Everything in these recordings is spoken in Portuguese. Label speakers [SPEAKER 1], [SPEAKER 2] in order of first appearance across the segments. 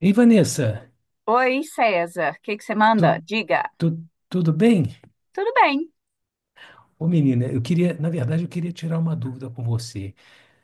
[SPEAKER 1] Ei, Vanessa,
[SPEAKER 2] Oi, César, o que que você manda?
[SPEAKER 1] tu-
[SPEAKER 2] Diga.
[SPEAKER 1] tudo bem?
[SPEAKER 2] Tudo bem.
[SPEAKER 1] Ô, menina, eu queria, na verdade, eu queria tirar uma dúvida com você.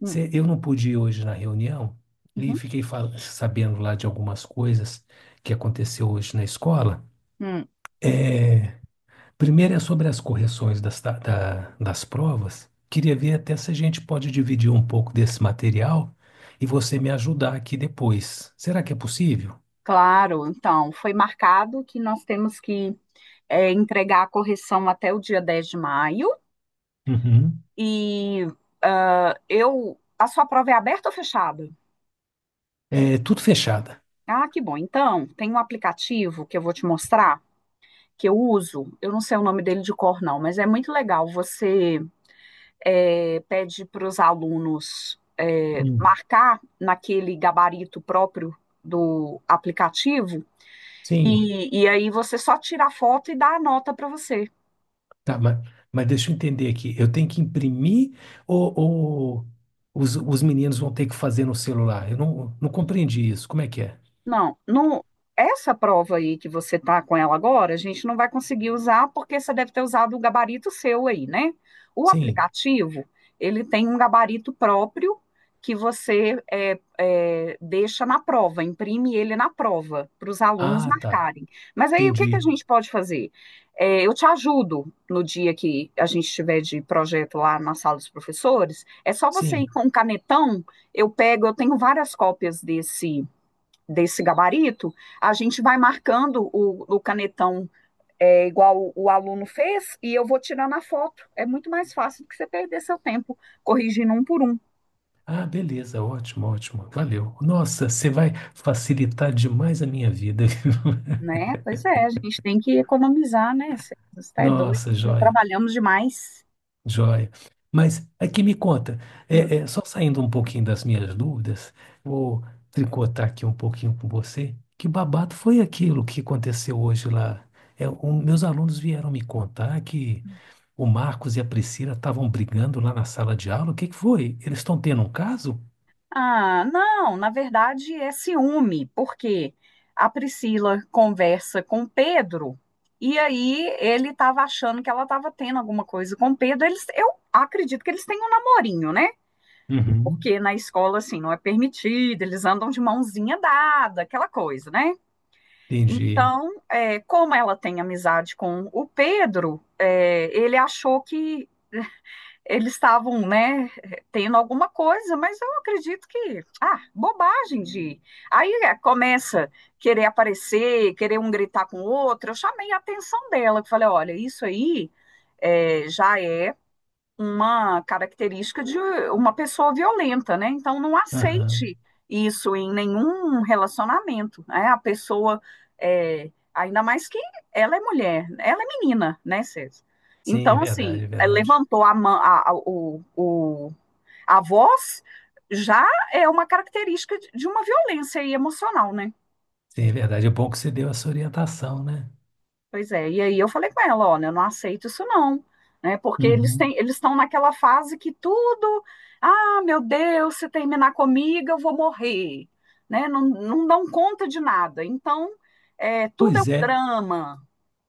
[SPEAKER 2] Hum,
[SPEAKER 1] Eu não pude ir hoje na reunião e
[SPEAKER 2] uhum,
[SPEAKER 1] fiquei sabendo lá de algumas coisas que aconteceu hoje na escola.
[SPEAKER 2] hum.
[SPEAKER 1] Primeiro é sobre as correções das provas. Queria ver até se a gente pode dividir um pouco desse material e você me ajudar aqui depois. Será que é possível?
[SPEAKER 2] Claro, então, foi marcado que nós temos que entregar a correção até o dia 10 de maio.
[SPEAKER 1] Uhum.
[SPEAKER 2] E ah, eu. A sua prova é aberta ou fechada?
[SPEAKER 1] É tudo fechada.
[SPEAKER 2] Ah, que bom. Então, tem um aplicativo que eu vou te mostrar, que eu uso. Eu não sei o nome dele de cor, não, mas é muito legal. Você. Pede para os alunos
[SPEAKER 1] Hum.
[SPEAKER 2] marcar naquele gabarito próprio do aplicativo,
[SPEAKER 1] Sim.
[SPEAKER 2] e aí você só tira a foto e dá a nota para você.
[SPEAKER 1] Tá, mas deixa eu entender aqui. Eu tenho que imprimir ou os meninos vão ter que fazer no celular? Eu não compreendi isso. Como é que é?
[SPEAKER 2] Não, não, essa prova aí que você tá com ela agora, a gente não vai conseguir usar porque você deve ter usado o gabarito seu aí, né? O
[SPEAKER 1] Sim.
[SPEAKER 2] aplicativo, ele tem um gabarito próprio que você deixa na prova, imprime ele na prova para os alunos
[SPEAKER 1] Ah, tá.
[SPEAKER 2] marcarem. Mas aí o que que a
[SPEAKER 1] Entendi.
[SPEAKER 2] gente pode fazer? É, eu te ajudo no dia que a gente estiver de projeto lá na sala dos professores. É só você ir
[SPEAKER 1] Sim.
[SPEAKER 2] com um canetão, eu pego, eu tenho várias cópias desse gabarito, a gente vai marcando o canetão igual o aluno fez e eu vou tirando a foto. É muito mais fácil do que você perder seu tempo corrigindo um por um,
[SPEAKER 1] Ah, beleza. Ótimo, ótimo. Valeu. Nossa, você vai facilitar demais a minha vida.
[SPEAKER 2] né? Pois é, a gente tem que economizar, né? Você está doido,
[SPEAKER 1] Nossa,
[SPEAKER 2] já
[SPEAKER 1] joia.
[SPEAKER 2] trabalhamos demais.
[SPEAKER 1] Joia. Mas aqui me conta,
[SPEAKER 2] Hum.
[SPEAKER 1] só saindo um pouquinho das minhas dúvidas, vou tricotar aqui um pouquinho com você. Que babado foi aquilo que aconteceu hoje lá? Meus alunos vieram me contar que o Marcos e a Priscila estavam brigando lá na sala de aula. O que que foi? Eles estão tendo um caso?
[SPEAKER 2] Ah, não, na verdade é ciúme, porque a Priscila conversa com o Pedro e aí ele estava achando que ela estava tendo alguma coisa com o Pedro. Eles, eu acredito que eles têm um namorinho, né?
[SPEAKER 1] Uhum.
[SPEAKER 2] Porque na escola, assim, não é permitido, eles andam de mãozinha dada, aquela coisa, né?
[SPEAKER 1] Entendi.
[SPEAKER 2] Então, como ela tem amizade com o Pedro, ele achou que eles estavam, né, tendo alguma coisa, mas eu acredito que, ah, bobagem de. Aí começa querer aparecer, querer um gritar com o outro. Eu chamei a atenção dela, que falei, olha, isso aí já é uma característica de uma pessoa violenta, né? Então não
[SPEAKER 1] Aham.
[SPEAKER 2] aceite isso em nenhum relacionamento, né? A pessoa ainda mais que ela é mulher, ela é menina, né, César?
[SPEAKER 1] Sim, é
[SPEAKER 2] Então, assim,
[SPEAKER 1] verdade, é verdade.
[SPEAKER 2] levantou a, mão, a voz já é uma característica de uma violência aí emocional, né?
[SPEAKER 1] Sim, é verdade. É bom que você deu essa orientação, né?
[SPEAKER 2] Pois é, e aí eu falei com ela, olha, eu não aceito isso não, né? Porque
[SPEAKER 1] Uhum.
[SPEAKER 2] eles estão naquela fase que tudo, ah, meu Deus, se terminar comigo eu vou morrer, né? Não, não dão conta de nada. Então, tudo é um
[SPEAKER 1] Pois é.
[SPEAKER 2] drama.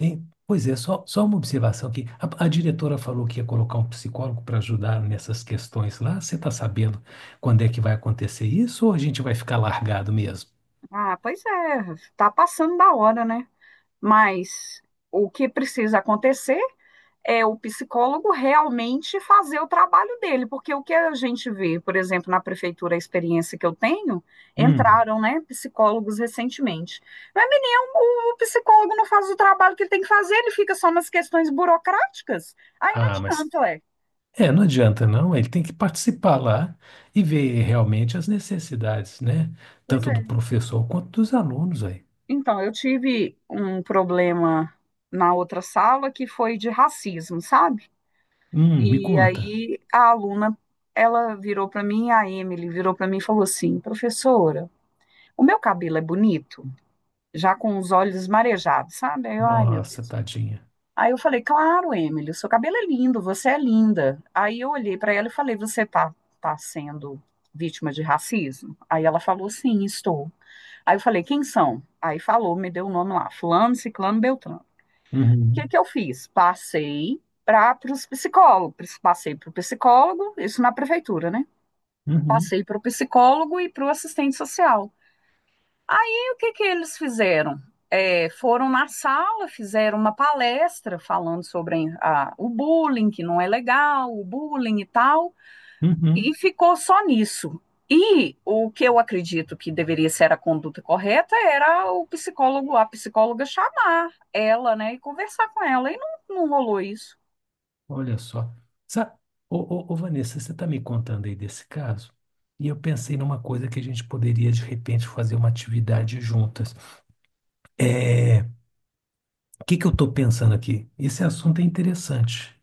[SPEAKER 1] Hein? Pois é, só uma observação aqui. A diretora falou que ia colocar um psicólogo para ajudar nessas questões lá. Você está sabendo quando é que vai acontecer isso ou a gente vai ficar largado mesmo?
[SPEAKER 2] Ah, pois é, tá passando da hora, né? Mas o que precisa acontecer é o psicólogo realmente fazer o trabalho dele, porque o que a gente vê, por exemplo, na prefeitura, a experiência que eu tenho,
[SPEAKER 1] Hum.
[SPEAKER 2] entraram, né, psicólogos recentemente. Mas, menino, o psicólogo não faz o trabalho que ele tem que fazer, ele fica só nas questões burocráticas, aí não
[SPEAKER 1] Ah, mas
[SPEAKER 2] adianta, é.
[SPEAKER 1] é, não adianta não. Ele tem que participar lá e ver realmente as necessidades, né?
[SPEAKER 2] Pois
[SPEAKER 1] Tanto
[SPEAKER 2] é.
[SPEAKER 1] do professor quanto dos alunos aí.
[SPEAKER 2] Então, eu tive um problema na outra sala que foi de racismo, sabe?
[SPEAKER 1] Me
[SPEAKER 2] E
[SPEAKER 1] conta.
[SPEAKER 2] aí a aluna, ela virou para mim, a Emily virou para mim e falou assim, professora, o meu cabelo é bonito, já com os olhos marejados, sabe? Ai, meu
[SPEAKER 1] Nossa,
[SPEAKER 2] Deus.
[SPEAKER 1] tadinha.
[SPEAKER 2] Aí eu falei, claro, Emily, o seu cabelo é lindo, você é linda. Aí eu olhei para ela e falei, você tá sendo vítima de racismo? Aí ela falou, sim, estou. Aí eu falei, quem são? Aí falou, me deu o nome lá, fulano, ciclano, beltrano. O que
[SPEAKER 1] Uhum,
[SPEAKER 2] que eu fiz? Passei para os psicólogos, passei para o psicólogo, isso na prefeitura, né?
[SPEAKER 1] uhum,
[SPEAKER 2] Passei para o psicólogo e para o assistente social. Aí o que que eles fizeram? É, foram na sala, fizeram uma palestra falando sobre o bullying, que não é legal, o bullying e tal, e
[SPEAKER 1] uhum.
[SPEAKER 2] ficou só nisso. E o que eu acredito que deveria ser a conduta correta era a psicóloga chamar ela, né, e conversar com ela. E não rolou isso.
[SPEAKER 1] Olha só. Sa ô, ô, ô, Vanessa, você está me contando aí desse caso? E eu pensei numa coisa que a gente poderia, de repente, fazer uma atividade juntas. É, o que que eu estou pensando aqui? Esse assunto é interessante.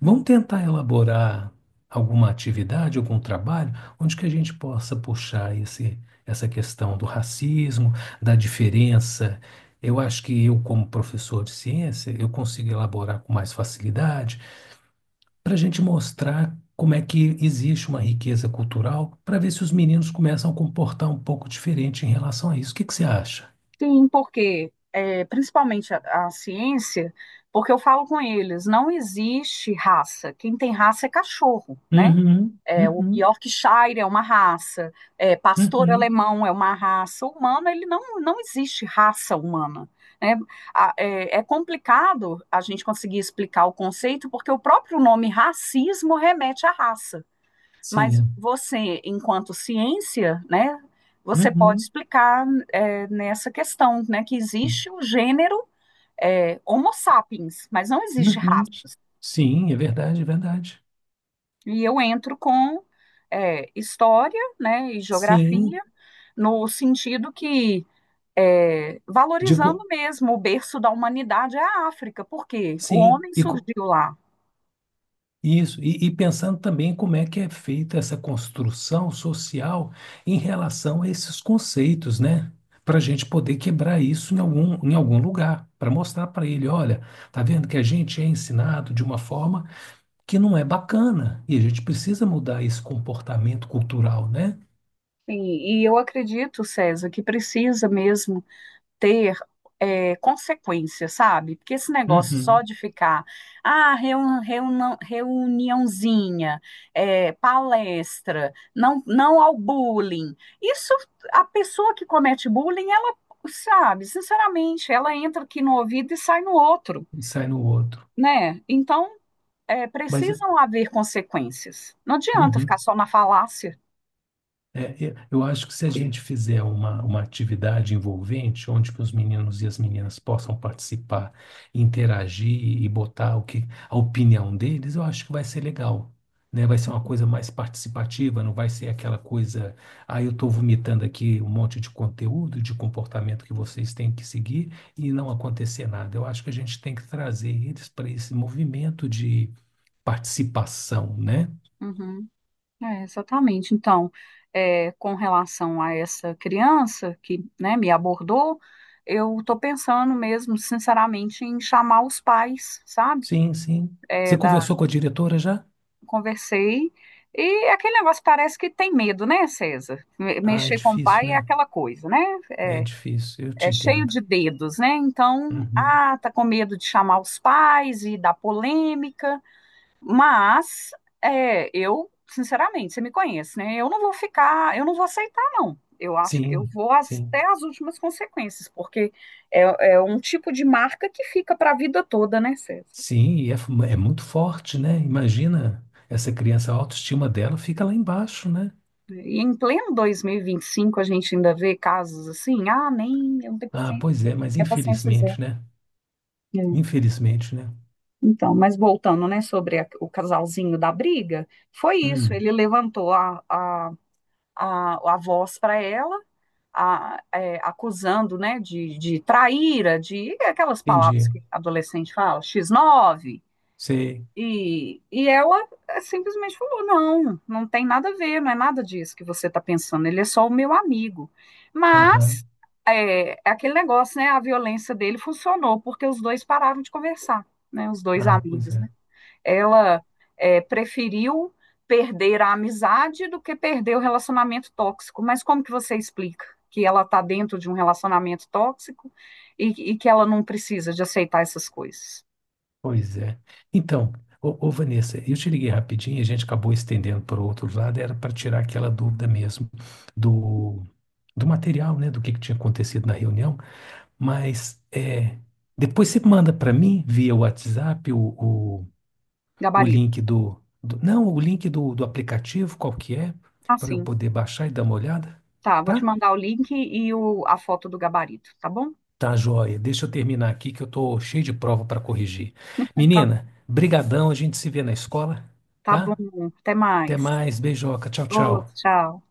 [SPEAKER 1] Vamos tentar elaborar alguma atividade, algum trabalho, onde que a gente possa puxar essa questão do racismo, da diferença. Eu acho que eu, como professor de ciência, eu consigo elaborar com mais facilidade para a gente mostrar como é que existe uma riqueza cultural, para ver se os meninos começam a comportar um pouco diferente em relação a isso. O que que você acha?
[SPEAKER 2] Sim, porque principalmente a ciência, porque eu falo com eles, não existe raça. Quem tem raça é cachorro, né?
[SPEAKER 1] Uhum,
[SPEAKER 2] É, o
[SPEAKER 1] uhum,
[SPEAKER 2] Yorkshire é uma raça, pastor
[SPEAKER 1] uhum,
[SPEAKER 2] alemão é uma raça humana, ele não, não existe raça humana. Né? É complicado a gente conseguir explicar o conceito, porque o próprio nome racismo remete à raça. Mas
[SPEAKER 1] sim,
[SPEAKER 2] você, enquanto ciência, né, você pode
[SPEAKER 1] uhum,
[SPEAKER 2] explicar nessa questão, né, que existe o gênero Homo sapiens, mas não existe
[SPEAKER 1] uhum.
[SPEAKER 2] raça.
[SPEAKER 1] Sim, é verdade, é verdade.
[SPEAKER 2] E eu entro com história, né, e
[SPEAKER 1] Sim,
[SPEAKER 2] geografia, no sentido que valorizando
[SPEAKER 1] digo,
[SPEAKER 2] mesmo o berço da humanidade é a África, porque o
[SPEAKER 1] sim.
[SPEAKER 2] homem surgiu lá.
[SPEAKER 1] Isso, e pensando também como é que é feita essa construção social em relação a esses conceitos, né? Para a gente poder quebrar isso em em algum lugar, para mostrar para ele, olha, tá vendo que a gente é ensinado de uma forma que não é bacana, e a gente precisa mudar esse comportamento cultural, né?
[SPEAKER 2] E eu acredito, César, que precisa mesmo ter consequência, sabe? Porque esse negócio só
[SPEAKER 1] Uhum.
[SPEAKER 2] de ficar, ah, reuniãozinha, palestra, não, não ao bullying. Isso, a pessoa que comete bullying, ela sabe, sinceramente, ela entra aqui no ouvido e sai no outro,
[SPEAKER 1] E sai no outro.
[SPEAKER 2] né? Então,
[SPEAKER 1] Mas,
[SPEAKER 2] precisam haver consequências. Não adianta ficar
[SPEAKER 1] uhum.
[SPEAKER 2] só na falácia.
[SPEAKER 1] É, eu acho que se a gente fizer uma atividade envolvente, onde que os meninos e as meninas possam participar, interagir e botar o que, a opinião deles, eu acho que vai ser legal, né? Vai ser uma coisa mais participativa, não vai ser aquela coisa, ah, eu estou vomitando aqui um monte de conteúdo, de comportamento que vocês têm que seguir e não acontecer nada. Eu acho que a gente tem que trazer eles para esse movimento de participação, né?
[SPEAKER 2] Uhum. É, exatamente. Então, com relação a essa criança que, né, me abordou, eu estou pensando mesmo, sinceramente, em chamar os pais, sabe?
[SPEAKER 1] Sim, sim.
[SPEAKER 2] É,
[SPEAKER 1] Você
[SPEAKER 2] da,
[SPEAKER 1] conversou com a diretora já?
[SPEAKER 2] Conversei e aquele negócio parece que tem medo, né, César?
[SPEAKER 1] Ah, é
[SPEAKER 2] Mexer com o
[SPEAKER 1] difícil,
[SPEAKER 2] pai é
[SPEAKER 1] né?
[SPEAKER 2] aquela coisa, né?
[SPEAKER 1] É
[SPEAKER 2] É,
[SPEAKER 1] difícil, eu te
[SPEAKER 2] é cheio
[SPEAKER 1] entendo.
[SPEAKER 2] de dedos, né? Então,
[SPEAKER 1] Uhum.
[SPEAKER 2] ah, tá com medo de chamar os pais e dar polêmica. Mas eu, sinceramente, você me conhece, né? Eu não vou ficar, eu não vou aceitar, não. Eu acho que eu
[SPEAKER 1] Sim,
[SPEAKER 2] vou
[SPEAKER 1] sim.
[SPEAKER 2] até as últimas consequências, porque é, é um tipo de marca que fica para a vida toda, né, César?
[SPEAKER 1] Sim, é muito forte, né? Imagina, essa criança, a autoestima dela fica lá embaixo, né?
[SPEAKER 2] E em pleno 2025 a gente ainda vê casos assim, ah, nem, eu não tenho
[SPEAKER 1] Ah,
[SPEAKER 2] paciência,
[SPEAKER 1] pois é, mas
[SPEAKER 2] minha paciência é zero.
[SPEAKER 1] infelizmente, né?
[SPEAKER 2] É.
[SPEAKER 1] Infelizmente, né?
[SPEAKER 2] Então, mas voltando, né, sobre o casalzinho da briga, foi isso,
[SPEAKER 1] Hum,
[SPEAKER 2] ele levantou a voz para ela, acusando, né, de traíra, de aquelas palavras
[SPEAKER 1] entendi.
[SPEAKER 2] que adolescente fala, X9
[SPEAKER 1] Sei.
[SPEAKER 2] e ela simplesmente falou, não tem nada a ver, não é nada disso que você está pensando, ele é só o meu amigo.
[SPEAKER 1] Aham.
[SPEAKER 2] Mas é aquele negócio, né, a violência dele funcionou, porque os dois pararam de conversar, né, os dois
[SPEAKER 1] Ah, pois
[SPEAKER 2] amigos, né.
[SPEAKER 1] é.
[SPEAKER 2] Ela preferiu perder a amizade do que perder o relacionamento tóxico. Mas como que você explica que ela está dentro de um relacionamento tóxico e que ela não precisa de aceitar essas coisas?
[SPEAKER 1] Pois é. Então, ô, ô, Vanessa, eu te liguei rapidinho, a gente acabou estendendo para o outro lado, era para tirar aquela dúvida mesmo do, do material, né? Do que tinha acontecido na reunião. Mas é, depois você manda para mim via WhatsApp o
[SPEAKER 2] Gabarito.
[SPEAKER 1] link Não, o link do aplicativo, qual que é, para eu
[SPEAKER 2] Assim,
[SPEAKER 1] poder baixar e dar uma olhada,
[SPEAKER 2] tá. Vou te
[SPEAKER 1] tá?
[SPEAKER 2] mandar o link e a foto do gabarito, tá bom?
[SPEAKER 1] Tá, joia. Deixa eu terminar aqui que eu tô cheio de prova para corrigir.
[SPEAKER 2] Tá,
[SPEAKER 1] Menina, brigadão, a gente se vê na escola,
[SPEAKER 2] tá bom.
[SPEAKER 1] tá?
[SPEAKER 2] Até
[SPEAKER 1] Até
[SPEAKER 2] mais.
[SPEAKER 1] mais, beijoca, tchau,
[SPEAKER 2] Outro,
[SPEAKER 1] tchau.
[SPEAKER 2] tchau.